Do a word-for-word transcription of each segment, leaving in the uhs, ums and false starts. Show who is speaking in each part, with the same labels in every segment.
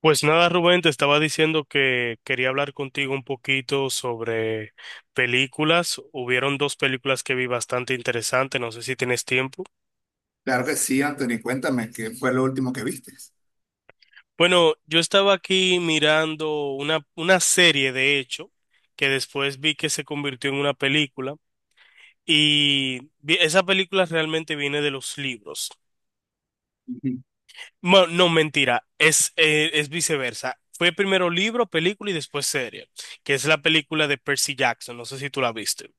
Speaker 1: Pues nada, Rubén, te estaba diciendo que quería hablar contigo un poquito sobre películas. Hubieron dos películas que vi bastante interesantes, no sé si tienes tiempo.
Speaker 2: Claro que sí, Anthony, cuéntame, ¿qué fue lo último que viste?
Speaker 1: Bueno, yo estaba aquí mirando una, una serie, de hecho, que después vi que se convirtió en una película y vi- esa película realmente viene de los libros.
Speaker 2: Ujú.
Speaker 1: Bueno, no, mentira, es, eh, es viceversa. Fue primero libro, película y después serie, que es la película de Percy Jackson, no sé si tú la viste.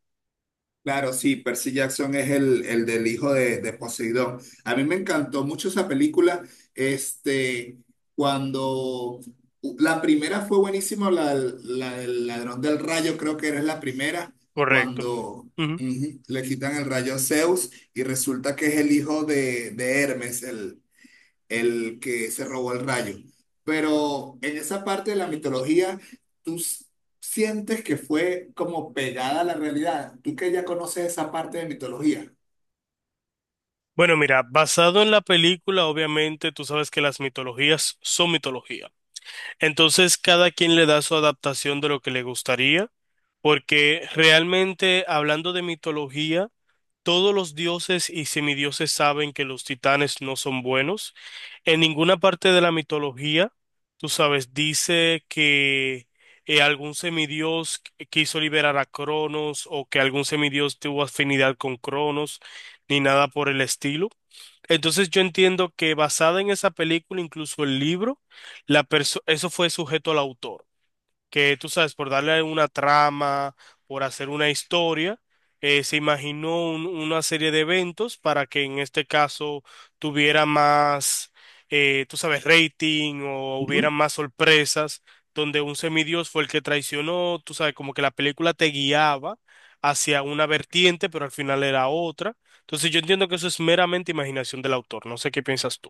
Speaker 2: Claro, sí, Percy Jackson es el, el del hijo de, de Poseidón. A mí me encantó mucho esa película. Este, cuando la primera fue buenísima, la, la del ladrón del rayo, creo que era la primera,
Speaker 1: Correcto.
Speaker 2: cuando
Speaker 1: Ujú.
Speaker 2: ujú, le quitan el rayo a Zeus y resulta que es el hijo de, de Hermes, el el que se robó el rayo. Pero en esa parte de la mitología, tú s- sientes que fue como pegada a la realidad. Tú que ya conoces esa parte de mitología.
Speaker 1: Bueno, mira, basado en la película, obviamente tú sabes que las mitologías son mitología. Entonces, cada quien le da su adaptación de lo que le gustaría, porque realmente hablando de mitología, todos los dioses y semidioses saben que los titanes no son buenos. En ninguna parte de la mitología, tú sabes, dice que eh, algún semidios qu- quiso liberar a Cronos o que algún semidios tuvo afinidad con Cronos, ni nada por el estilo. Entonces yo entiendo que basada en esa película, incluso el libro, la perso- eso fue sujeto al autor que tú sabes, por darle una trama, por hacer una historia, eh, se imaginó un- una serie de eventos para que en este caso tuviera más, eh, tú sabes, rating o hubiera más sorpresas, donde un semidios fue el que traicionó, tú sabes, como que la película te guiaba hacia una vertiente, pero al final era otra. Entonces yo entiendo que eso es meramente imaginación del autor, no sé qué piensas tú.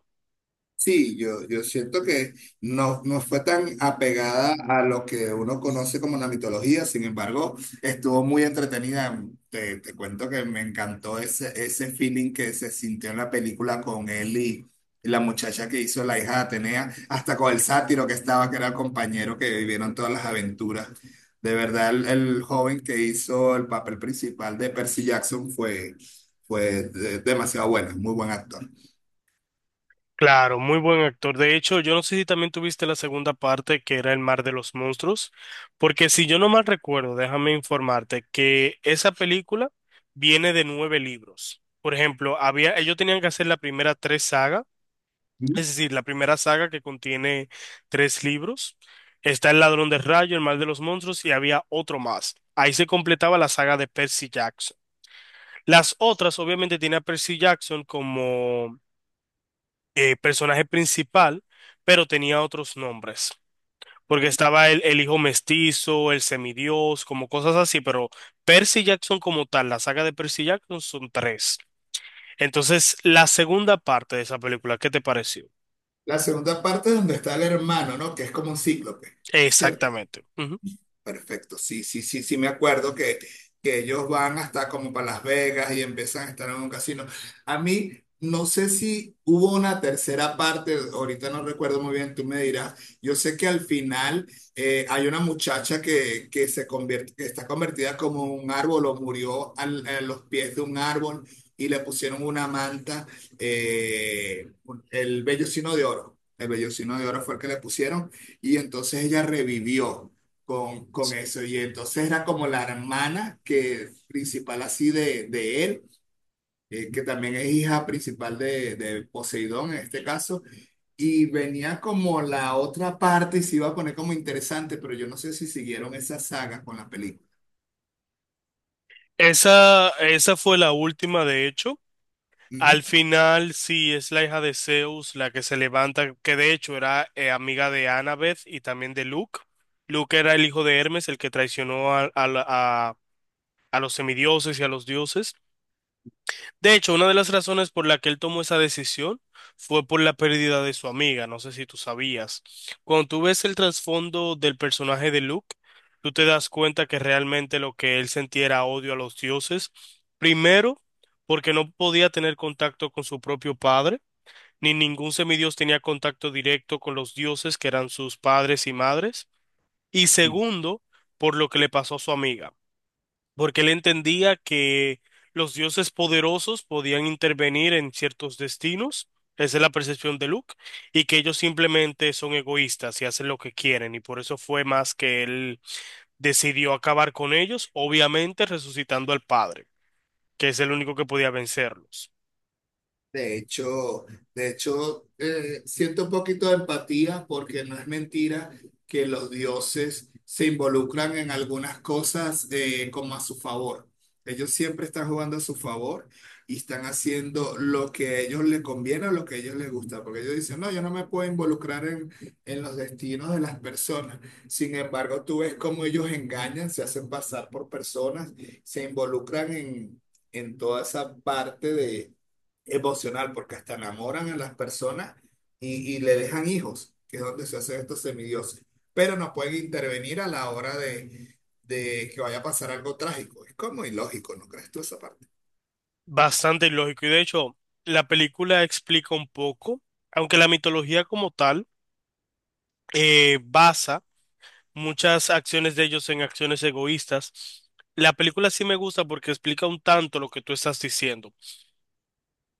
Speaker 2: Sí, yo, yo siento que no, no fue tan apegada a lo que uno conoce como la mitología, sin embargo, estuvo muy entretenida. Te, te cuento que me encantó ese, ese feeling que se sintió en la película con él y la muchacha que hizo la hija de Atenea, hasta con el sátiro que estaba, que era el compañero que vivieron todas las aventuras. De verdad, el, el joven que hizo el papel principal de Percy Jackson fue, fue de- demasiado bueno, muy buen actor.
Speaker 1: Claro, muy buen actor. De hecho, yo no sé si también tuviste la segunda parte que era El Mar de los Monstruos, porque si yo no mal recuerdo, déjame informarte que esa película viene de nueve libros. Por ejemplo, había, ellos tenían que hacer la primera tres sagas, es decir, la primera saga que contiene tres libros. Está El Ladrón de Rayo, El Mar de los Monstruos y había otro más. Ahí se completaba la saga de Percy Jackson. Las otras, obviamente, tiene a Percy Jackson como eh, personaje principal, pero tenía otros nombres. Porque estaba el, el hijo mestizo, el semidios, como cosas así, pero Percy Jackson como tal, la saga de Percy Jackson son tres. Entonces, la segunda parte de esa película, ¿qué te pareció?
Speaker 2: La segunda parte es donde está el hermano, ¿no? Que es como un cíclope, ¿cierto?
Speaker 1: Exactamente. Ujú.
Speaker 2: Perfecto, sí, sí, sí, sí, me acuerdo que, que ellos van hasta como para Las Vegas y empiezan a estar en un casino. A mí, no sé si hubo una tercera parte, ahorita no recuerdo muy bien, tú me dirás. Yo sé que al final eh, hay una muchacha que, que se convierte, que está convertida como un árbol o murió al- a los pies de un árbol y le pusieron una manta, eh, el vellocino de oro. El vellocino de oro fue el que le pusieron y entonces ella revivió con, con eso. Y entonces era como la hermana que principal así de, de él, eh, que también es hija principal de, de Poseidón en este caso. Y venía como la otra parte y se iba a poner como interesante, pero yo no sé si siguieron esa saga con la película.
Speaker 1: Esa, esa fue la última, de hecho.
Speaker 2: Ujú.
Speaker 1: Al final, sí, es la hija de Zeus la que se levanta, que de hecho era eh, amiga de Annabeth y también de Luke. Luke era el hijo de Hermes, el que traicionó a, a, la- a a los semidioses y a los dioses. De hecho, una de las razones por la que él tomó esa decisión fue por la pérdida de su amiga, no sé si tú sabías. Cuando tú ves el trasfondo del personaje de Luke, tú te das cuenta que realmente lo que él sentía era odio a los dioses. Primero, porque no podía tener contacto con su propio padre, ni ningún semidios tenía contacto directo con los dioses que eran sus padres y madres. Y segundo, por lo que le pasó a su amiga porque él entendía que los dioses poderosos podían intervenir en ciertos destinos, esa es la percepción de Luke, y que ellos simplemente son egoístas y hacen lo que quieren, y por eso fue más que él decidió acabar con ellos, obviamente resucitando al padre, que es el único que podía vencerlos.
Speaker 2: De hecho, de hecho, eh, siento un poquito de empatía porque no es mentira que los dioses se involucran en algunas cosas eh, como a su favor. Ellos siempre están jugando a su favor y están haciendo lo que a ellos les conviene o lo que a ellos les gusta, porque ellos dicen, no, yo no me puedo involucrar en, en los destinos de las personas. Sin embargo, tú ves cómo ellos engañan, se hacen pasar por personas, se involucran en, en toda esa parte de emocional, porque hasta enamoran a las personas y, y le dejan hijos, que es donde se hacen estos semidioses. Pero no pueden intervenir a la hora de, de que vaya a pasar algo trágico. Es como ilógico, ¿no crees tú esa parte?
Speaker 1: Bastante ilógico, y de hecho, la película explica un poco, aunque la mitología como tal eh, basa muchas acciones de ellos en acciones egoístas. La película sí me gusta porque explica un tanto lo que tú estás diciendo.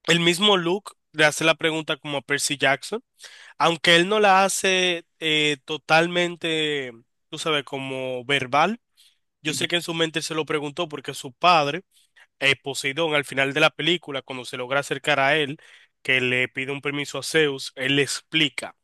Speaker 1: El mismo Luke le hace la pregunta como a Percy Jackson, aunque él no la hace eh, totalmente, tú sabes, como verbal. Yo sé
Speaker 2: Ujú,
Speaker 1: que en su mente se lo preguntó porque su padre, eh, Poseidón, al final de la película, cuando se logra acercar a él, que le pide un permiso a Zeus, él le explica.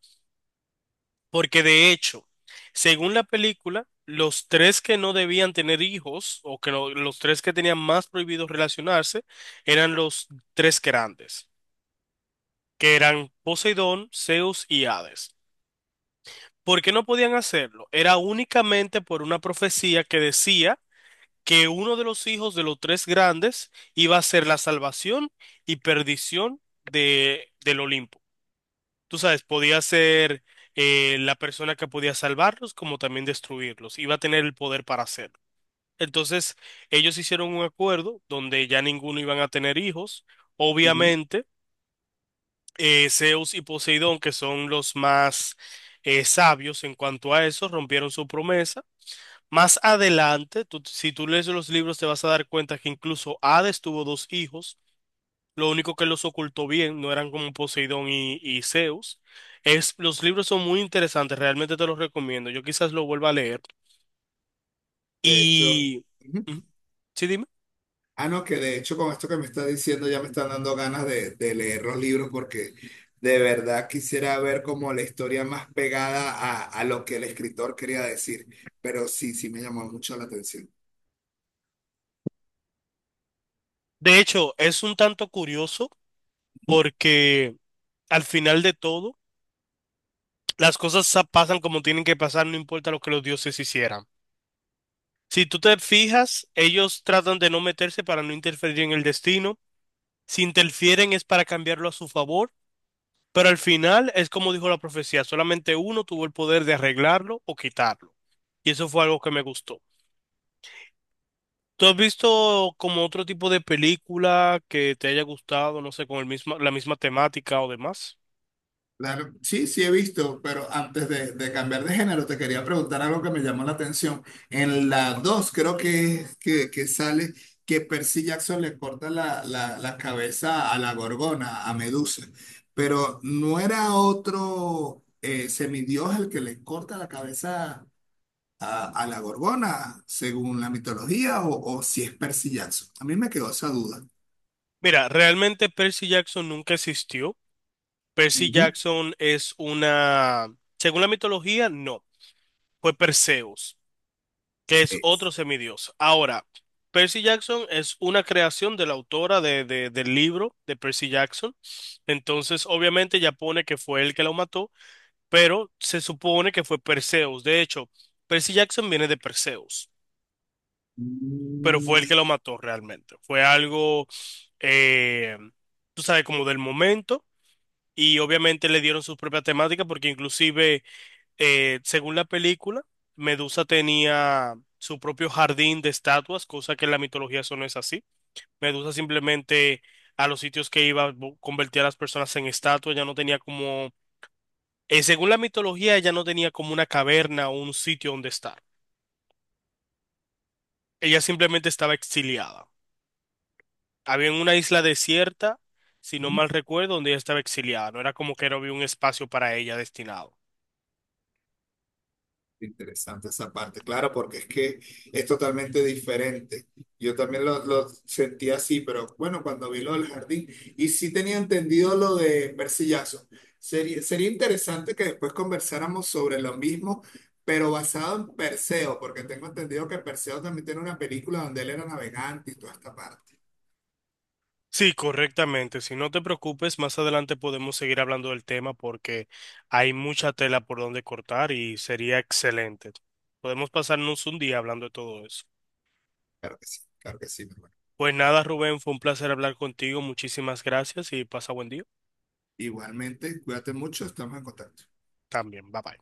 Speaker 1: Porque de hecho, según la película, los tres que no debían tener hijos o que no- los tres que tenían más prohibido relacionarse eran los tres grandes, que eran Poseidón, Zeus y Hades. ¿Por qué no podían hacerlo? Era únicamente por una profecía que decía que uno de los hijos de los tres grandes iba a ser la salvación y perdición de, del Olimpo. Tú sabes, podía ser eh, la persona que podía salvarlos como también destruirlos. Iba a tener el poder para hacerlo. Entonces, ellos hicieron un acuerdo donde ya ninguno iban a tener hijos.
Speaker 2: ujú.
Speaker 1: Obviamente, eh, Zeus y Poseidón, que son los más eh, sabios en cuanto a eso, rompieron su promesa. Más adelante, tú- si tú lees los libros, te vas a dar cuenta que incluso Hades tuvo dos hijos. Lo único que los ocultó bien, no eran como Poseidón y, y Zeus. Es, los libros son muy interesantes, realmente te los recomiendo. Yo quizás lo vuelva a leer.
Speaker 2: De hecho,
Speaker 1: Y...
Speaker 2: Ujú.
Speaker 1: Ujú. Sí, dime.
Speaker 2: Ah, no, que de hecho con esto que me estás diciendo ya me están dando ganas de, de leer los libros porque de verdad quisiera ver como la historia más pegada a, a lo que el escritor quería decir. Pero sí, sí me llamó mucho la atención.
Speaker 1: De hecho, es un tanto curioso porque al final de todo, las cosas sa- pasan como tienen que pasar, no importa lo que los dioses hicieran. Si tú te fijas, ellos tratan de no meterse para no interferir en el destino. Si interfieren es para cambiarlo a su favor. Pero al final es como dijo la profecía, solamente uno tuvo el poder de arreglarlo o quitarlo. Y eso fue algo que me gustó. ¿Tú has visto como otro tipo de película que te haya gustado, no sé, con el misma, la misma temática o demás?
Speaker 2: Claro, sí, sí he visto, pero antes de, de cambiar de género, te quería preguntar algo que me llamó la atención. En la dos creo que, es- que, que sale que Percy Jackson le corta la, la, la cabeza a la Gorgona, a Medusa, pero no era otro eh, semidios el que le corta la cabeza a, a la Gorgona, según la mitología, o, o si es Percy Jackson. A mí me quedó esa duda.
Speaker 1: Mira, realmente Percy Jackson nunca existió. Percy
Speaker 2: Ujú.
Speaker 1: Jackson es una, según la mitología, no, fue Perseo. Que es
Speaker 2: Sí.
Speaker 1: otro semidios. Ahora, Percy Jackson es una creación de la autora de- de- del libro de Percy Jackson. Entonces, obviamente, ya pone que fue él que lo mató, pero se supone que fue Perseus. De hecho, Percy Jackson viene de Perseus, pero fue él
Speaker 2: Mm.
Speaker 1: que lo mató realmente. Fue algo, eh, tú sabes, como del momento. Y obviamente le dieron sus propias temáticas porque inclusive eh, según la película, Medusa tenía su propio jardín de estatuas, cosa que en la mitología eso no es así. Medusa simplemente a los sitios que iba bu- convertía a las personas en estatuas, ya no tenía como, eh, según la mitología, ella no tenía como una caverna o un sitio donde estar. Ella simplemente estaba exiliada. Había en una isla desierta, si no mal recuerdo, donde ella estaba exiliada. No era como que no había un espacio para ella destinado.
Speaker 2: Interesante esa parte, claro, porque es que es totalmente diferente. Yo también lo, lo sentí así, pero bueno, cuando vi lo del jardín, y sí tenía entendido lo de Mercillazo. Sería, sería interesante que después conversáramos sobre lo mismo, pero basado en Perseo, porque tengo entendido que Perseo también tiene una película donde él era navegante y toda esta parte.
Speaker 1: Sí, correctamente. Si no te preocupes, más adelante podemos seguir hablando del tema porque hay mucha tela por donde cortar y sería excelente. Podemos pasarnos un día hablando de todo eso.
Speaker 2: Claro que sí, claro que sí, mi hermano.
Speaker 1: Pues nada, Rubén, fue un placer hablar contigo. Muchísimas gracias y pasa buen día.
Speaker 2: Igualmente, cuídate mucho, estamos en contacto.
Speaker 1: También, bye bye.